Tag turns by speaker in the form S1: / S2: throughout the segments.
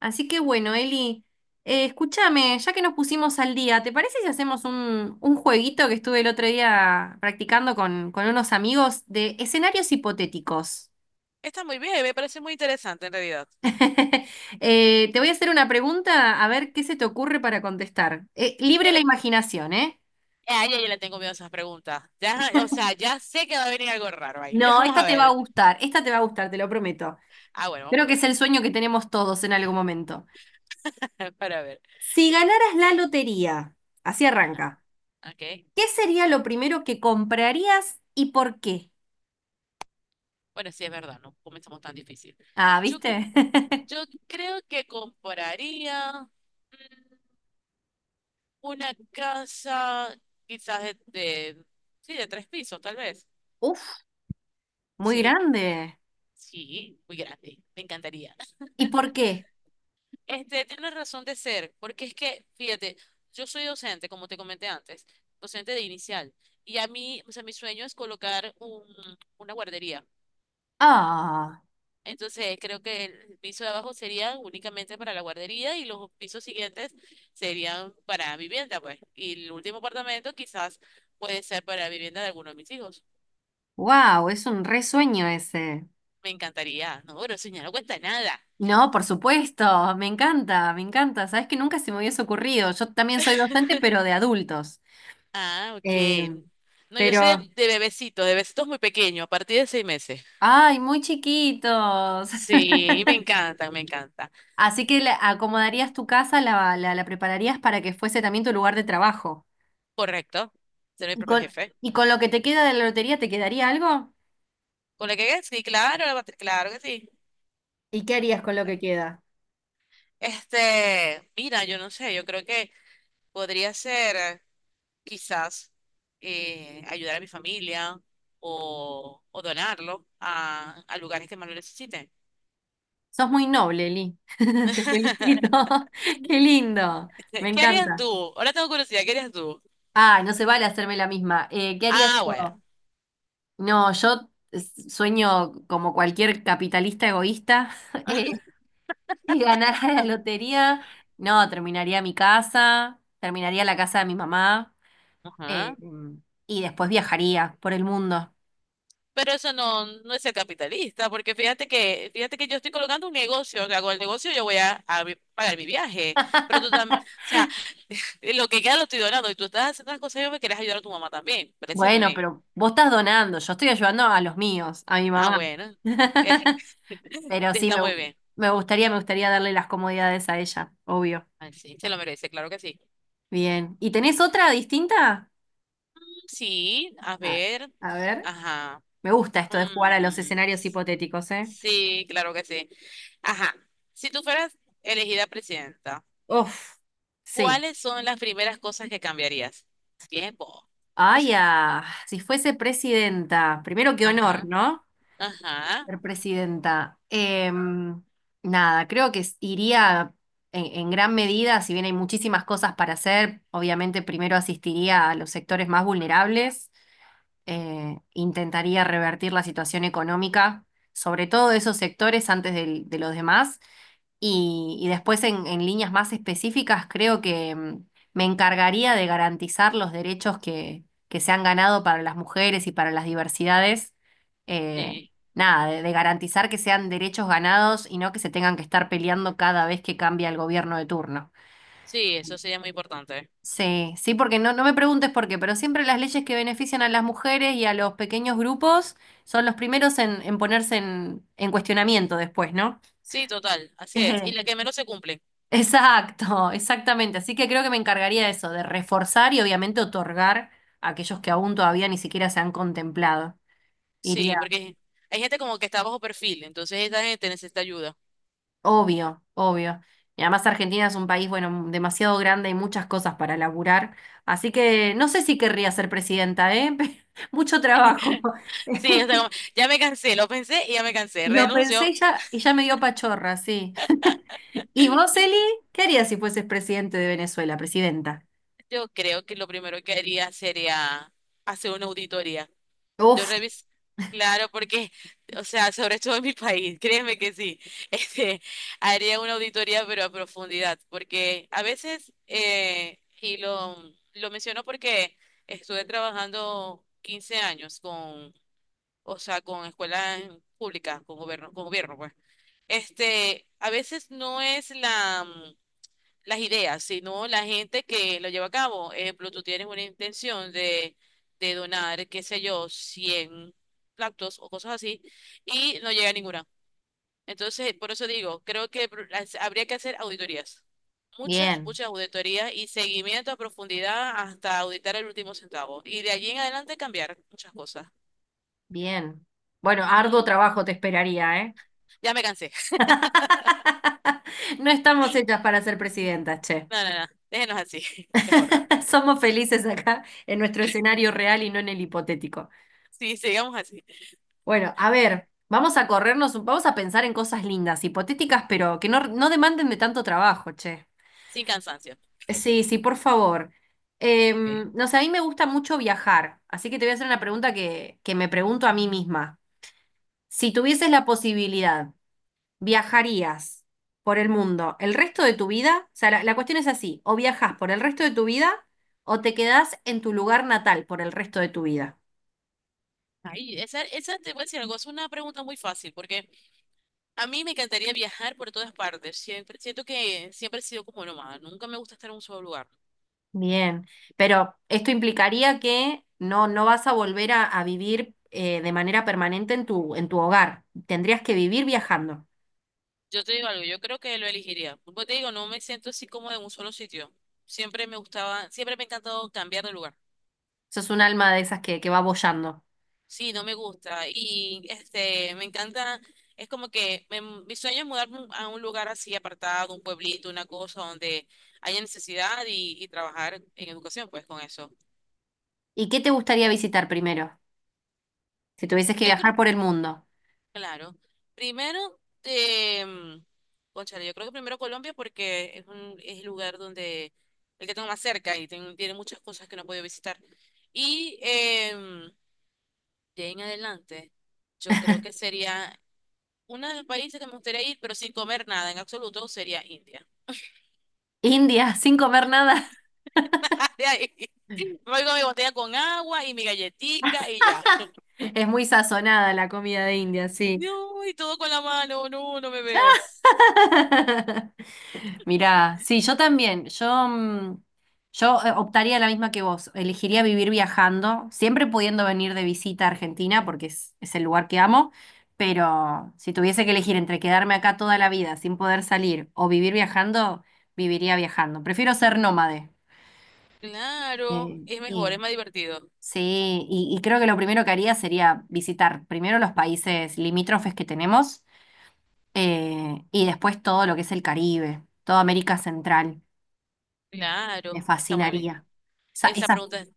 S1: Así que bueno, Eli, escúchame, ya que nos pusimos al día, ¿te parece si hacemos un jueguito que estuve el otro día practicando con unos amigos de escenarios hipotéticos?
S2: Está muy bien, me parece muy interesante en realidad.
S1: Te voy a hacer una pregunta, a ver qué se te ocurre para contestar.
S2: Yo
S1: Libre la
S2: le,
S1: imaginación, ¿eh?
S2: a ella yo le tengo miedo a esas preguntas. Ya, o sea, ya sé que va a venir algo raro ahí.
S1: No,
S2: Vamos
S1: esta
S2: a
S1: te va a
S2: ver.
S1: gustar, esta te va a gustar, te lo prometo.
S2: Ah, bueno, vamos a
S1: Creo que es el sueño que tenemos todos en algún momento.
S2: ver. Para ver.
S1: Si ganaras la lotería, así arranca,
S2: Ok.
S1: ¿qué sería lo primero que comprarías y por qué?
S2: Bueno, sí, es verdad, no comenzamos tan difícil.
S1: Ah,
S2: Yo, cre-
S1: ¿viste?
S2: yo creo que compraría mm, una casa quizás sí, de tres pisos, tal vez.
S1: Uf, muy
S2: Sí,
S1: grande.
S2: sí, muy grande. Me encantaría.
S1: ¿Y por qué?
S2: Este tiene razón de ser, porque es que, fíjate, yo soy docente, como te comenté antes, docente de inicial, y a mí, o sea, mi sueño es colocar una guardería.
S1: Ah,
S2: Entonces, creo que el piso de abajo sería únicamente para la guardería y los pisos siguientes serían para vivienda, pues. Y el último apartamento quizás puede ser para vivienda de alguno de mis hijos.
S1: wow, es un resueño ese.
S2: Me encantaría. No, pero señora, no cuenta nada.
S1: No, por supuesto, me encanta, me encanta. Sabes que nunca se me hubiese ocurrido. Yo también soy docente, pero de adultos.
S2: Ah, ok.
S1: Eh,
S2: No, yo soy
S1: pero,
S2: de bebecitos muy pequeño, a partir de 6 meses.
S1: ay, muy chiquitos.
S2: Sí, me encanta, me encanta.
S1: Así que le acomodarías tu casa, la prepararías para que fuese también tu lugar de trabajo.
S2: Correcto, ser mi
S1: ¿Y
S2: propio jefe.
S1: y con lo que te queda de la lotería, te quedaría algo?
S2: ¿Con la que sí, claro, claro que sí?
S1: ¿Y qué harías con lo que queda?
S2: Este, mira, yo no sé, yo creo que podría ser quizás ayudar a mi familia o donarlo a lugares que más lo necesiten.
S1: Sos muy noble, Li. Te felicito. Qué lindo. Me
S2: ¿Qué harías
S1: encanta.
S2: tú? Ahora tengo curiosidad, ¿qué harías tú?
S1: Ah, no se vale hacerme la misma. ¿Qué haría
S2: Ah, bueno.
S1: yo? No, sueño como cualquier capitalista egoísta. Eh, si ganara la lotería, no, terminaría mi casa, terminaría la casa de mi mamá, eh,
S2: Ajá.
S1: y después viajaría por el mundo.
S2: Pero eso no, no es ser capitalista, porque fíjate que yo estoy colocando un negocio, que hago el negocio, yo voy a pagar mi viaje, pero tú también, o sea, lo que queda lo estoy donando y tú estás haciendo las cosas, y yo me quieres ayudar a tu mamá también, parece muy
S1: Bueno,
S2: bien.
S1: pero vos estás donando, yo estoy ayudando a los míos, a mi
S2: Ah,
S1: mamá.
S2: bueno, eh,
S1: Pero sí,
S2: está muy bien.
S1: me gustaría darle las comodidades a ella, obvio.
S2: Ay, sí, se lo merece, claro que sí.
S1: Bien. ¿Y tenés otra distinta?
S2: Mm, sí, a
S1: A,
S2: ver,
S1: a ver.
S2: ajá.
S1: Me gusta esto de jugar a los
S2: Mm,
S1: escenarios hipotéticos, ¿eh?
S2: sí, claro que sí. Ajá, si tú fueras elegida presidenta.
S1: Uf, sí.
S2: ¿Cuáles son las primeras cosas que cambiarías? Tiempo.
S1: Ay, ah, si fuese presidenta, primero qué honor,
S2: Ajá,
S1: ¿no?
S2: ajá.
S1: Ser presidenta. Em, nada, creo que iría en gran medida, si bien hay muchísimas cosas para hacer, obviamente primero asistiría a los sectores más vulnerables, intentaría revertir la situación económica, sobre todo de esos sectores antes de los demás. Y después en líneas más específicas, creo que me encargaría de garantizar los derechos que se han ganado para las mujeres y para las diversidades. Eh,
S2: Sí,
S1: nada, de garantizar que sean derechos ganados y no que se tengan que estar peleando cada vez que cambia el gobierno de turno.
S2: sí, eso sería muy importante.
S1: Sí, sí, porque no me preguntes por qué, pero siempre las leyes que benefician a las mujeres y a los pequeños grupos son los primeros en ponerse en cuestionamiento después, ¿no?
S2: Sí, total, así es. Y la que menos se cumple.
S1: Exacto, exactamente. Así que creo que me encargaría de eso, de reforzar y obviamente otorgar a aquellos que aún todavía ni siquiera se han contemplado. Iría,
S2: Sí, porque hay gente como que está bajo perfil, entonces esa gente necesita ayuda.
S1: obvio, obvio. Y además Argentina es un país, bueno, demasiado grande y muchas cosas para laburar. Así que no sé si querría ser presidenta, ¿eh? Mucho trabajo.
S2: Sí, o sea, como, ya me cansé, lo pensé y ya me cansé,
S1: Y lo pensé
S2: renuncio.
S1: y ya me dio pachorra, sí. ¿Y vos, Eli, qué harías si fueses presidente de Venezuela, presidenta?
S2: Yo creo que lo primero que haría sería hacer una auditoría. Yo
S1: Uf,
S2: revisé, claro, porque, o sea, sobre todo en mi país, créeme que sí, este, haría una auditoría, pero a profundidad, porque a veces, y lo menciono porque estuve trabajando 15 años con, o sea, con escuelas públicas, con gobierno, pues. Este, a veces no es la las ideas, sino la gente que lo lleva a cabo. Ejemplo, tú tienes una intención de donar, qué sé yo, 100 platos o cosas así, y no llega a ninguna. Entonces, por eso digo, creo que habría que hacer auditorías. Muchas,
S1: bien,
S2: muchas auditorías y seguimiento a profundidad hasta auditar el último centavo. Y de allí en adelante cambiar muchas cosas.
S1: bien. Bueno, arduo
S2: Ujú.
S1: trabajo te esperaría, ¿eh?
S2: Ya me cansé.
S1: No estamos hechas para ser presidentas, che.
S2: No, no, no. Déjenos así. Mejor.
S1: Somos felices acá en nuestro escenario real y no en el hipotético.
S2: Sí, sigamos así.
S1: Bueno, a ver, vamos a corrernos, vamos a pensar en cosas lindas, hipotéticas, pero que no demanden de tanto trabajo, che.
S2: Sin cansancio. Ok,
S1: Sí, sí, por favor.
S2: ok.
S1: Em, no sé, a mí me gusta mucho viajar, así que te voy a hacer una pregunta que me pregunto a mí misma. Si tuvieses la posibilidad, ¿viajarías por el mundo el resto de tu vida? O sea, la cuestión es así, o viajas por el resto de tu vida o te quedás en tu lugar natal por el resto de tu vida.
S2: Ay, esa te voy a decir algo, es una pregunta muy fácil, porque a mí me encantaría viajar por todas partes. Siempre, siento que siempre he sido como nómada, nunca me gusta estar en un solo lugar.
S1: Bien, pero esto implicaría que no vas a volver a vivir, de manera permanente en en tu hogar. Tendrías que vivir viajando.
S2: Yo te digo algo, yo creo que lo elegiría. Como te digo, no me siento así como en un solo sitio. Siempre me gustaba, siempre me ha encantado cambiar de lugar.
S1: Sos un alma de esas que va boyando.
S2: Sí, no me gusta. Y este, me encanta, es como que mi sueño es mudarme a un lugar así apartado, un pueblito, una cosa donde haya necesidad y trabajar en educación, pues con eso.
S1: ¿Y qué te gustaría visitar primero? Si tuvieses que
S2: Yo
S1: viajar
S2: creo.
S1: por el mundo.
S2: Claro. Primero, eh, cónchale, yo creo que primero Colombia porque es el lugar donde, el que tengo más cerca y tiene muchas cosas que no he podido visitar. Y em, de ahí en adelante, yo creo que sería uno de los países que me gustaría ir, pero sin comer nada en absoluto, sería India.
S1: India, sin comer nada.
S2: De ahí, me voy con mi botella con agua y mi galletica y ya.
S1: Es muy sazonada la comida de India, sí.
S2: No, y todo con la mano, no, no me veo.
S1: Mirá, sí, yo también. Yo, yo optaría la misma que vos. Elegiría vivir viajando, siempre pudiendo venir de visita a Argentina, porque es el lugar que amo. Pero si tuviese que elegir entre quedarme acá toda la vida sin poder salir o vivir viajando, viviría viajando. Prefiero ser nómade.
S2: Claro, es mejor, es
S1: Sí,
S2: más divertido.
S1: sí, y creo que lo primero que haría sería visitar primero los países limítrofes que tenemos, y después todo lo que es el Caribe, toda América Central. Me
S2: Claro, está muy bien.
S1: fascinaría. Esa-
S2: Esa
S1: esa-
S2: pregunta es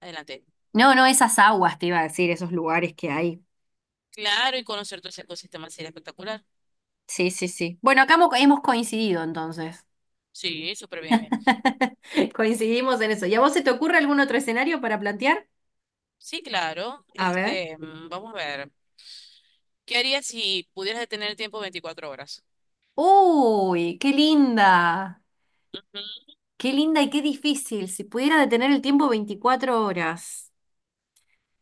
S2: adelante.
S1: no, no, esas aguas te iba a decir, esos lugares que hay.
S2: Claro, y conocer todo ese ecosistema sería espectacular.
S1: Sí, sí, sí. Bueno, acá hemos coincidido entonces.
S2: Sí, súper bien.
S1: Coincidimos en eso. ¿Y a vos se te ocurre algún otro escenario para plantear?
S2: Sí, claro.
S1: A ver.
S2: Este, vamos a ver. ¿Qué harías si pudieras detener el tiempo 24 horas?
S1: Uy, qué linda.
S2: Ujú.
S1: Qué linda y qué difícil. Si pudiera detener el tiempo 24 horas.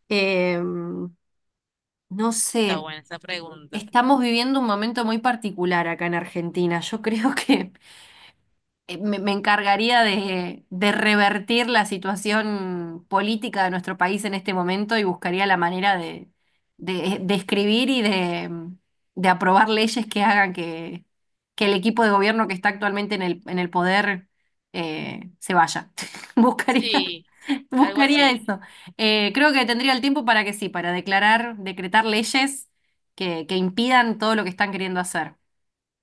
S1: Em, no
S2: Está
S1: sé,
S2: buena esa pregunta.
S1: estamos viviendo un momento muy particular acá en Argentina. Yo creo que me encargaría de revertir la situación política de nuestro país en este momento y buscaría la manera de escribir y de aprobar leyes que hagan que el equipo de gobierno que está actualmente en en el poder, se vaya. Buscaría.
S2: Sí, algo
S1: Buscaría
S2: así.
S1: eso. Creo que tendría el tiempo para que sí, para declarar, decretar leyes que impidan todo lo que están queriendo hacer.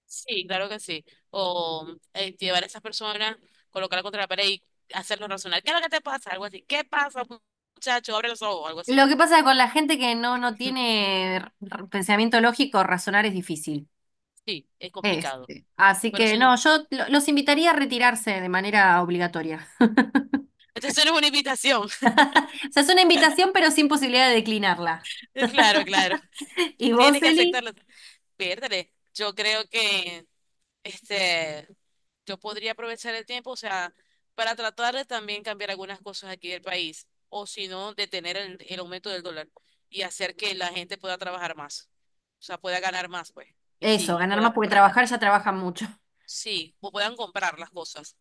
S2: Sí, claro que sí. O llevar a esas personas, colocarla contra la pared y hacerlos razonar. ¿Qué es lo que te pasa? Algo así. ¿Qué pasa, muchacho? Abre los ojos, algo
S1: Lo
S2: así.
S1: que pasa con la gente que no tiene pensamiento lógico, razonar es difícil.
S2: Sí, es complicado.
S1: Este. Así
S2: Pero eso,
S1: que no, los invitaría a retirarse de manera obligatoria.
S2: eso no es una invitación.
S1: O sea, es una invitación, pero sin posibilidad de declinarla.
S2: Claro, claro.
S1: ¿Y vos,
S2: Tienes que
S1: Eli?
S2: aceptarlo. Piérdale. Yo creo que este, yo podría aprovechar el tiempo, o sea, para tratar de también cambiar algunas cosas aquí del país, o si no, detener el aumento del dólar y hacer que la gente pueda trabajar más, o sea, pueda ganar más, pues, y sí,
S1: Eso,
S2: y
S1: ganar
S2: puedan
S1: más porque
S2: comprar, bien.
S1: trabajar ya trabajan mucho.
S2: Sí, o puedan comprar las cosas.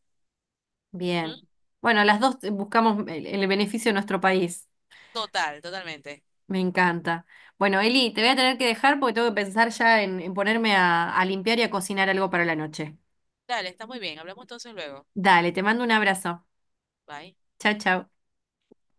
S2: Ujú.
S1: Bien. Bueno, las dos, buscamos el beneficio de nuestro país.
S2: Total, totalmente.
S1: Me encanta. Bueno, Eli, te voy a tener que dejar porque tengo que pensar ya en ponerme a limpiar y a cocinar algo para la noche.
S2: Dale, está muy bien. Hablamos entonces luego.
S1: Dale, te mando un abrazo.
S2: Bye.
S1: Chao, chao.